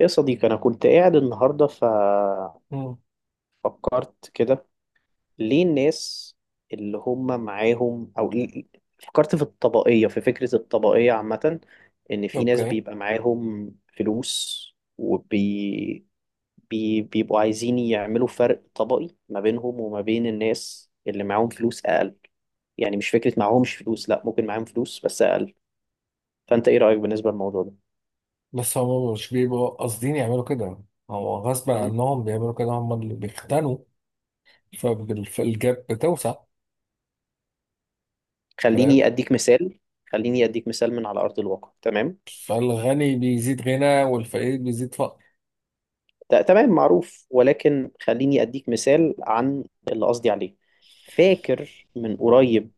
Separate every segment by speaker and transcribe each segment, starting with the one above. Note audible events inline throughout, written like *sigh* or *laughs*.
Speaker 1: يا صديقي، أنا كنت قاعد النهاردة ففكرت
Speaker 2: مم.
Speaker 1: كده، ليه الناس اللي هم معاهم، فكرت في الطبقية، في فكرة الطبقية عامة. إن في ناس
Speaker 2: اوكي،
Speaker 1: بيبقى معاهم فلوس وبي بي بيبقوا عايزين يعملوا فرق طبقي ما بينهم وما بين الناس اللي معاهم فلوس أقل. يعني مش فكرة معاهمش فلوس، لأ، ممكن معاهم فلوس بس أقل. فأنت إيه رأيك بالنسبة للموضوع ده؟
Speaker 2: بس هم مش بيبقوا قاصدين يعملوا كده، هو غصب
Speaker 1: م?
Speaker 2: عنهم بيعملوا كده. هم اللي بيختنوا فالجاب بتوسع. فاهم.
Speaker 1: خليني أديك مثال. خليني أديك مثال من على أرض الواقع، تمام؟
Speaker 2: فالغني بيزيد غنى والفقير بيزيد فقر.
Speaker 1: تمام، معروف، ولكن خليني أديك مثال عن اللي قصدي عليه. فاكر من قريب،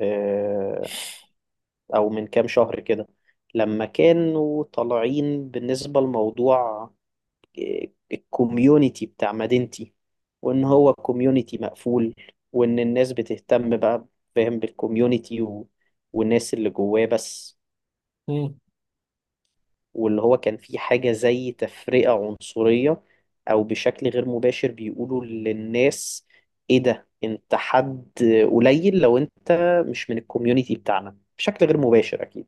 Speaker 1: آه، أو من كام شهر كده، لما كانوا طالعين بالنسبة لموضوع الكوميونيتي بتاع مدينتي، وإن هو كوميونيتي مقفول، وإن الناس بتهتم بقى، فاهم، بالكوميونيتي والناس اللي جواه بس.
Speaker 2: مم.
Speaker 1: واللي هو كان في حاجة زي تفرقة عنصرية، أو بشكل غير مباشر بيقولوا للناس إيه ده، أنت حد قليل لو أنت مش من الكوميونيتي بتاعنا، بشكل غير مباشر أكيد.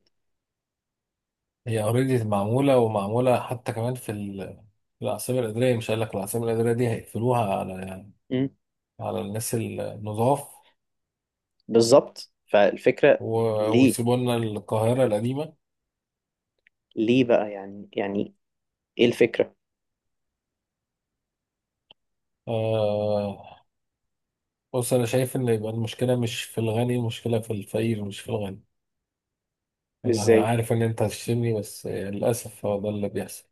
Speaker 2: هي اوريدي معمولة ومعمولة، حتى كمان في في العاصمة الإدارية. مش قال لك العاصمة الإدارية دي هيقفلوها على
Speaker 1: مم.
Speaker 2: على الناس النضاف
Speaker 1: بالظبط،
Speaker 2: و...
Speaker 1: فالفكرة ليه؟
Speaker 2: ويسيبوا لنا القاهرة القديمة.
Speaker 1: ليه بقى؟ يعني إيه الفكرة؟
Speaker 2: آه... بص، أنا شايف إن يبقى المشكلة مش في الغني، المشكلة في الفقير مش في الغني. انا
Speaker 1: إزاي؟
Speaker 2: عارف ان انت هتشتمني بس للاسف هو ده اللي بيحصل.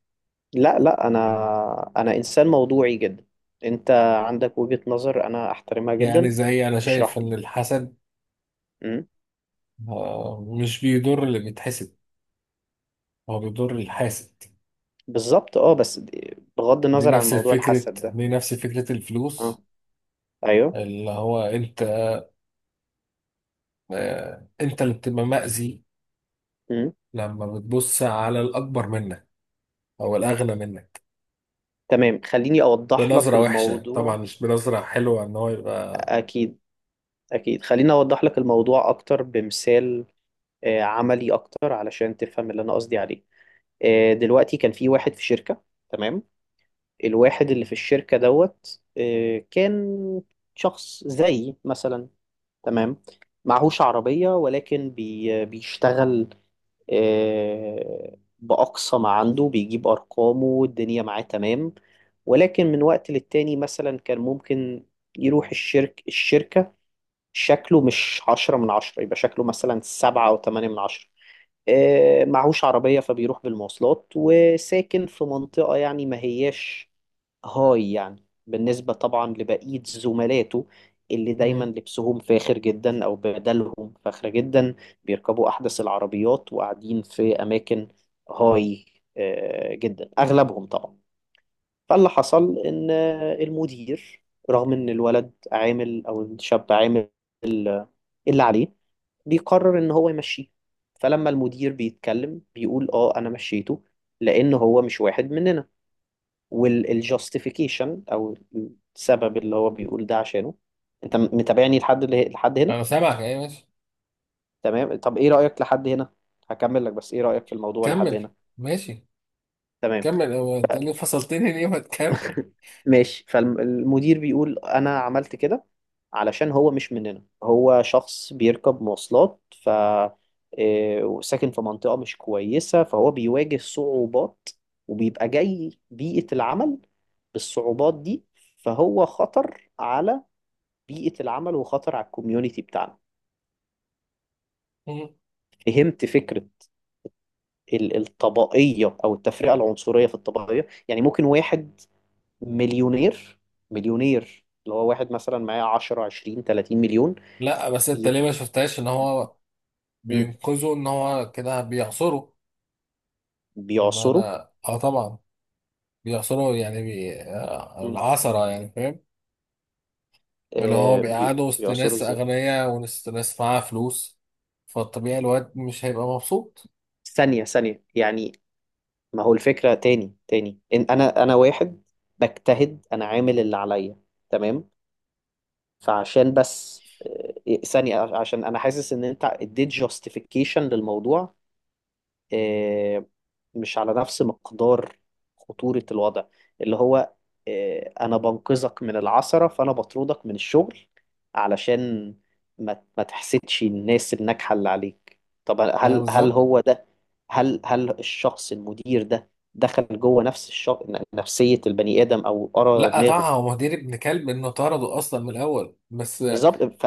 Speaker 1: لا لا، أنا إنسان موضوعي جدا. أنت عندك وجهة نظر أنا أحترمها
Speaker 2: يعني
Speaker 1: جدا.
Speaker 2: زي، انا شايف
Speaker 1: اشرح
Speaker 2: ان
Speaker 1: لي.
Speaker 2: الحسد
Speaker 1: مم.
Speaker 2: مش بيضر اللي بيتحسد، هو بيضر الحاسد.
Speaker 1: بالظبط، اه، بس بغض
Speaker 2: دي
Speaker 1: النظر عن
Speaker 2: نفس
Speaker 1: موضوع
Speaker 2: الفكرة،
Speaker 1: الحسد ده.
Speaker 2: دي نفس فكرة
Speaker 1: اه،
Speaker 2: الفلوس.
Speaker 1: ايوه.
Speaker 2: اللي هو انت انت اللي بتبقى مأذي
Speaker 1: امم.
Speaker 2: لما بتبص على الاكبر منك او الاغنى منك
Speaker 1: تمام، خليني اوضح لك
Speaker 2: بنظرة وحشة، طبعا
Speaker 1: الموضوع.
Speaker 2: مش بنظرة حلوة، ان هو يبقى
Speaker 1: اكيد، اكيد، خليني اوضح لك الموضوع اكتر بمثال، عملي اكتر علشان تفهم اللي انا قصدي عليه. دلوقتي كان في واحد في شركة، تمام. الواحد اللي في الشركة دوت، كان شخص زي مثلا، تمام، معهوش عربية، ولكن بيشتغل بأقصى ما عنده، بيجيب أرقامه والدنيا معاه، تمام. ولكن من وقت للتاني مثلا كان ممكن يروح الشركة شكله مش عشرة من عشرة، يبقى شكله مثلا سبعة أو تمانية من عشرة. معهوش عربية، فبيروح بالمواصلات، وساكن في منطقة يعني ما هياش هاي، يعني بالنسبة طبعا لبقية زملاته اللي دايما
Speaker 2: مم.
Speaker 1: لبسهم فاخر جدا أو بدلهم فاخرة جدا، بيركبوا أحدث العربيات، وقاعدين في أماكن هاي جدا أغلبهم طبعا. فاللي حصل إن المدير، رغم إن الولد عامل أو الشاب عامل ال- اللي عليه، بيقرر إن هو يمشيه. فلما المدير بيتكلم بيقول آه أنا مشيته لأن هو مش واحد مننا. والجاستيفيكيشن او السبب اللي هو بيقول ده عشانه. انت متابعني لحد اللي لحد هنا؟
Speaker 2: انا سامعك، ايه ماشي.
Speaker 1: تمام، طب ايه رأيك لحد هنا؟ هكمل لك، بس ايه رأيك في الموضوع لحد
Speaker 2: كمل.
Speaker 1: هنا؟
Speaker 2: ماشي
Speaker 1: تمام.
Speaker 2: كمل. هو انت ليه فصلتني؟ ليه ما تكمل؟
Speaker 1: *laughs* ماشي، فالمدير بيقول انا عملت كده علشان هو مش مننا، هو شخص بيركب مواصلات، ف وساكن في منطقة مش كويسة، فهو بيواجه صعوبات، وبيبقى جاي بيئة العمل بالصعوبات دي، فهو خطر على بيئة العمل وخطر على الكوميونتي بتاعنا. فهمت فكرة الطبقية أو التفرقة العنصرية في الطبقية؟ يعني ممكن واحد مليونير، مليونير اللي هو واحد مثلا معاه 10 20 30 مليون.
Speaker 2: لا بس انت
Speaker 1: ي...
Speaker 2: ليه ما شفتهاش ان هو
Speaker 1: م.
Speaker 2: بينقذه، ان هو كده بيعصره؟ ما
Speaker 1: بيعصروا.
Speaker 2: انا اه طبعا بيعصره، يعني بي... آه،
Speaker 1: م.
Speaker 2: العصرة يعني، فاهم. اللي هو
Speaker 1: آه
Speaker 2: بيقعده وسط
Speaker 1: بيعصروا
Speaker 2: ناس
Speaker 1: ازاي؟
Speaker 2: اغنياء وناس ناس معاها فلوس، فالطبيعي الواد مش هيبقى مبسوط.
Speaker 1: ثانية، يعني ما هو الفكرة، تاني إن أنا واحد بجتهد، أنا عامل اللي عليا، تمام. فعشان بس آه، إيه، ثانية، عشان أنا حاسس إن أنت اديت جاستيفيكيشن للموضوع آه، مش على نفس مقدار خطورة الوضع اللي هو أنا بنقذك من العثرة فأنا بطردك من الشغل، علشان ما تحسدش الناس الناجحة اللي عليك. طب
Speaker 2: يعني
Speaker 1: هل
Speaker 2: بالظبط.
Speaker 1: هو ده؟ هل الشخص المدير ده دخل جوه نفس الشخص، نفسية البني آدم أو قرا
Speaker 2: لا طبعا
Speaker 1: دماغه؟
Speaker 2: هو مدير ابن كلب انه طرده اصلا من الاول، بس
Speaker 1: بالظبط.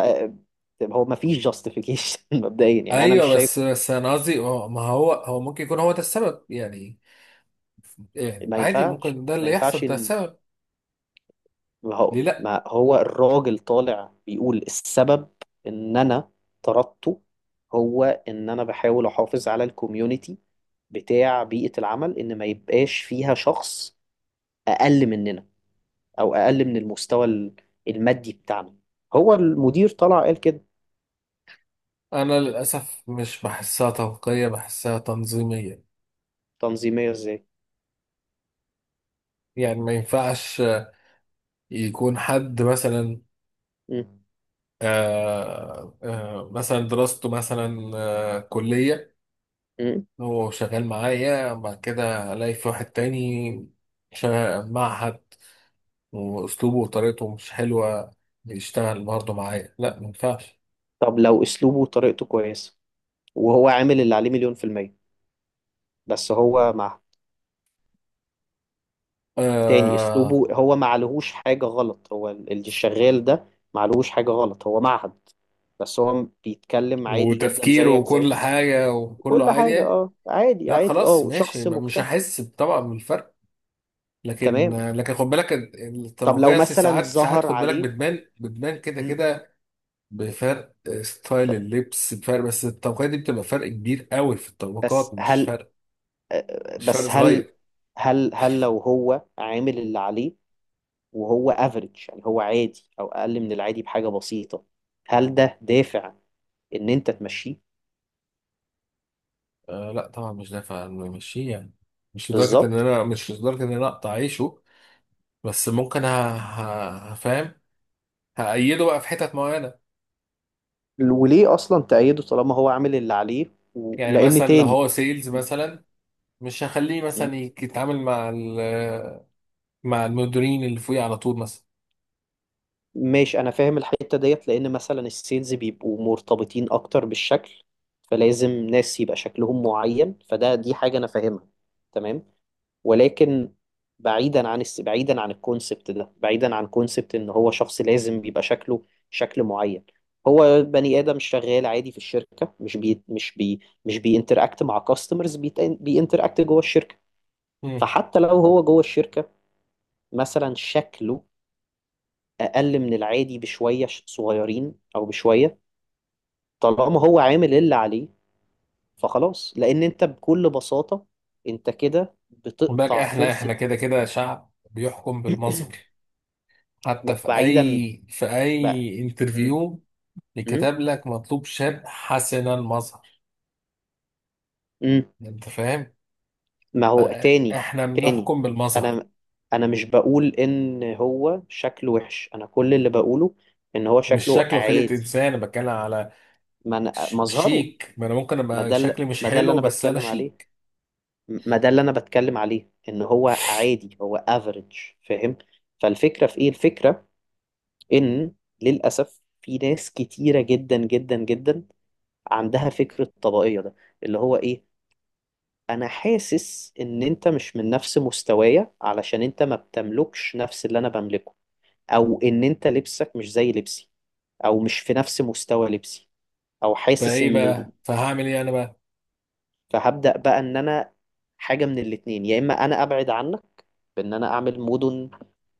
Speaker 1: هو ما فيش جاستيفيكيشن *laughs* مبدئيا يعني، انا مش
Speaker 2: ايوه
Speaker 1: شايف.
Speaker 2: بس انا قصدي ما هو هو ممكن يكون هو ده السبب يعني. يعني
Speaker 1: ما
Speaker 2: عادي
Speaker 1: ينفعش
Speaker 2: ممكن ده
Speaker 1: ما
Speaker 2: اللي
Speaker 1: ينفعش
Speaker 2: يحصل، ده
Speaker 1: ان،
Speaker 2: السبب.
Speaker 1: ما هو
Speaker 2: ليه لا.
Speaker 1: ما هو الراجل طالع بيقول السبب ان انا طردته، هو ان انا بحاول احافظ على الكوميونتي بتاع بيئة العمل، ان ما يبقاش فيها شخص اقل مننا او اقل من المستوى المادي بتاعنا. هو المدير طلع قال كده.
Speaker 2: أنا للأسف مش بحسها توقية، بحسها تنظيمية.
Speaker 1: تنظيمية ازاي؟
Speaker 2: يعني ما ينفعش يكون حد مثلا
Speaker 1: مم.
Speaker 2: مثلا دراسته مثلا كلية،
Speaker 1: مم.
Speaker 2: هو شغال معايا، بعد كده ألاقي في واحد تاني شغال معهد وأسلوبه وطريقته مش حلوة، يشتغل برضه معايا؟ لا ما ينفعش.
Speaker 1: طب لو اسلوبه وطريقته كويسة، وهو عامل اللي عليه 100%، بس هو مع تاني،
Speaker 2: آه
Speaker 1: اسلوبه هو ما عليهوش حاجة غلط، هو اللي شغال ده ما عليهوش حاجة غلط، هو معهد بس هو بيتكلم عادي جدا
Speaker 2: وتفكيره
Speaker 1: زيك زي،
Speaker 2: وكل حاجة وكله
Speaker 1: كل
Speaker 2: عادي
Speaker 1: حاجة
Speaker 2: يعني.
Speaker 1: اه عادي
Speaker 2: لا
Speaker 1: عادي
Speaker 2: خلاص
Speaker 1: اه،
Speaker 2: ماشي،
Speaker 1: شخص
Speaker 2: مش
Speaker 1: مجتهد،
Speaker 2: هحس طبعا بالفرق. لكن
Speaker 1: تمام.
Speaker 2: خد بالك
Speaker 1: طب لو
Speaker 2: الطبقية،
Speaker 1: مثلا
Speaker 2: ساعات
Speaker 1: ظهر
Speaker 2: خد بالك
Speaker 1: عليه،
Speaker 2: بتبان، كده
Speaker 1: مم.
Speaker 2: كده بفرق ستايل
Speaker 1: طب
Speaker 2: اللبس، بفرق. بس الطبقية دي بتبقى فرق كبير قوي في
Speaker 1: بس
Speaker 2: الطبقات، مش
Speaker 1: هل،
Speaker 2: فرق
Speaker 1: بس هل،
Speaker 2: صغير.
Speaker 1: هل لو هو عامل اللي عليه وهو افريج، يعني هو عادي او اقل من العادي بحاجة بسيطة، هل ده دافع ان انت تمشيه؟
Speaker 2: آه لا طبعا مش دافع إنه يمشيه يعني، مش لدرجة ان
Speaker 1: بالظبط.
Speaker 2: انا، مش لدرجة ان انا اقطع عيشه. بس ممكن هفهم، هأيده بقى في حتت معينة.
Speaker 1: وليه اصلا تأيده طالما هو عامل اللي عليه؟
Speaker 2: يعني
Speaker 1: لان
Speaker 2: مثلا لو
Speaker 1: تاني،
Speaker 2: هو سيلز مثلا، مش هخليه
Speaker 1: م.
Speaker 2: مثلا يتعامل مع مع المديرين اللي فوقيه على طول مثلا.
Speaker 1: ماشي، انا فاهم الحتة ديت، لان مثلا السيلز بيبقوا مرتبطين اكتر بالشكل، فلازم ناس يبقى شكلهم معين، فده دي حاجة انا فاهمها، تمام. ولكن بعيدا عن بعيدا عن الكونسبت ده، بعيدا عن كونسبت ان هو شخص لازم بيبقى شكله شكل معين، هو بني ادم شغال عادي في الشركة، مش بي مش بي مش بينتراكت مع كاستمرز، بينتراكت جوه الشركة.
Speaker 2: مم.
Speaker 1: فحتى لو هو جوه الشركة، مثلا شكله أقل من العادي بشوية صغيرين أو بشوية، طالما هو عامل اللي عليه، فخلاص. لأن أنت بكل بساطة أنت كده
Speaker 2: خد بالك
Speaker 1: بتقطع
Speaker 2: احنا،
Speaker 1: فرصة.
Speaker 2: كده كده شعب بيحكم بالمظهر،
Speaker 1: *clears throat*
Speaker 2: حتى في
Speaker 1: بعيدا
Speaker 2: اي
Speaker 1: بقى، مم.
Speaker 2: انترفيو
Speaker 1: مم.
Speaker 2: يكتب لك مطلوب شاب حسن المظهر.
Speaker 1: مم.
Speaker 2: انت فاهم،
Speaker 1: ما هو
Speaker 2: بقى
Speaker 1: تاني
Speaker 2: احنا
Speaker 1: تاني
Speaker 2: بنحكم بالمظهر.
Speaker 1: أنا أنا مش بقول إن هو شكله وحش، أنا كل اللي بقوله إن هو
Speaker 2: مش
Speaker 1: شكله
Speaker 2: شكله خلقة
Speaker 1: عادي.
Speaker 2: انسان، انا بتكلم على
Speaker 1: ما مظهره،
Speaker 2: شيك. ما انا ممكن ابقى شكلي مش
Speaker 1: ما ده اللي
Speaker 2: حلو
Speaker 1: أنا
Speaker 2: بس انا
Speaker 1: بتكلم عليه،
Speaker 2: شيك.
Speaker 1: ما ده اللي انا بتكلم عليه، ان هو عادي، هو افريج، فاهم. فالفكره في ايه الفكره؟ ان للاسف في ناس كتيره جدا جدا جدا عندها فكره الطبقيه ده، اللي هو ايه؟ انا حاسس ان انت مش من نفس مستوايا علشان انت ما بتملكش نفس اللي انا بملكه، او ان انت لبسك مش زي لبسي، او مش في نفس مستوى لبسي، او حاسس
Speaker 2: فايه
Speaker 1: ان،
Speaker 2: بقى، فهعمل ايه انا بقى؟
Speaker 1: فهبدأ بقى ان انا حاجه من الاتنين، يا اما انا ابعد عنك بان انا اعمل مدن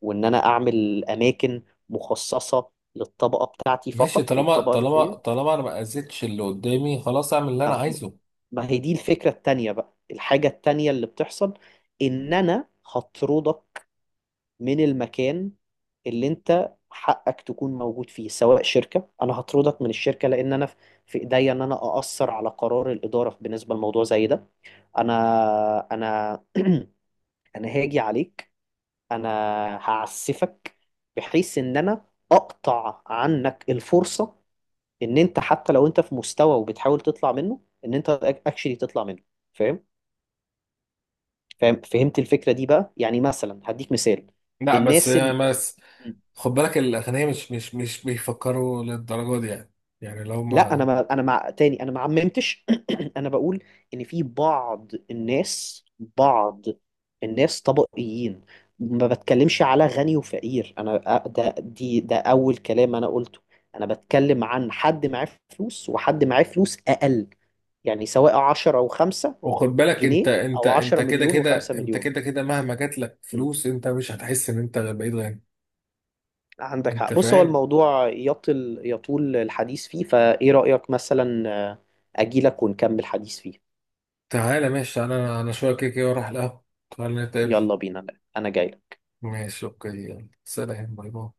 Speaker 1: وان انا اعمل اماكن مخصصة للطبقة بتاعتي
Speaker 2: ماشي،
Speaker 1: فقط
Speaker 2: طالما
Speaker 1: والطبقة اللي فوقيها.
Speaker 2: انا ما اذيتش اللي قدامي، خلاص اعمل اللي انا
Speaker 1: ما
Speaker 2: عايزه.
Speaker 1: ما هي دي الفكرة التانية بقى، الحاجة التانية اللي بتحصل، ان انا هطردك من المكان اللي انت حقك تكون موجود فيه، سواء شركة انا هطردك من الشركة، لان انا في ايديا ان انا اأثر على قرار الإدارة بالنسبة لموضوع زي ده. انا انا *clears throat* انا هاجي عليك، انا هعسفك، بحيث ان انا اقطع عنك الفرصة، ان انت حتى لو انت في مستوى وبتحاول تطلع منه ان انت اكشلي تطلع منه. فاهم؟ فاهم؟ فهمت الفكرة دي بقى؟ يعني مثلا هديك مثال
Speaker 2: لا بس
Speaker 1: الناس
Speaker 2: خد بالك الاغنياء مش بيفكروا للدرجه دي يعني. يعني لو
Speaker 1: لا انا،
Speaker 2: ما،
Speaker 1: ما انا مع تاني انا ما عممتش. *clears throat* انا بقول ان في بعض الناس، بعض الناس طبقيين، ما بتكلمش على غني وفقير. انا ده دي ده اول كلام انا قلته، انا بتكلم عن حد معاه فلوس وحد معاه فلوس اقل، يعني سواء 10 او 5
Speaker 2: وخد بالك انت،
Speaker 1: جنيه
Speaker 2: انت
Speaker 1: او 10
Speaker 2: انت كده
Speaker 1: مليون
Speaker 2: كده،
Speaker 1: و5
Speaker 2: انت
Speaker 1: مليون.
Speaker 2: كده كده مهما جات لك
Speaker 1: م.
Speaker 2: فلوس انت مش هتحس ان انت بقيت غني.
Speaker 1: عندك
Speaker 2: انت
Speaker 1: حق، بص هو
Speaker 2: فاهم.
Speaker 1: الموضوع يطول الحديث فيه، فايه رأيك مثلا اجيلك ونكمل حديث فيه؟
Speaker 2: تعالى ماشي، انا انا شويه كده كده اروح القهوه، تعالى نتقابل.
Speaker 1: يلا بينا، انا جاي.
Speaker 2: ماشي اوكي، يلا سلام باي باي.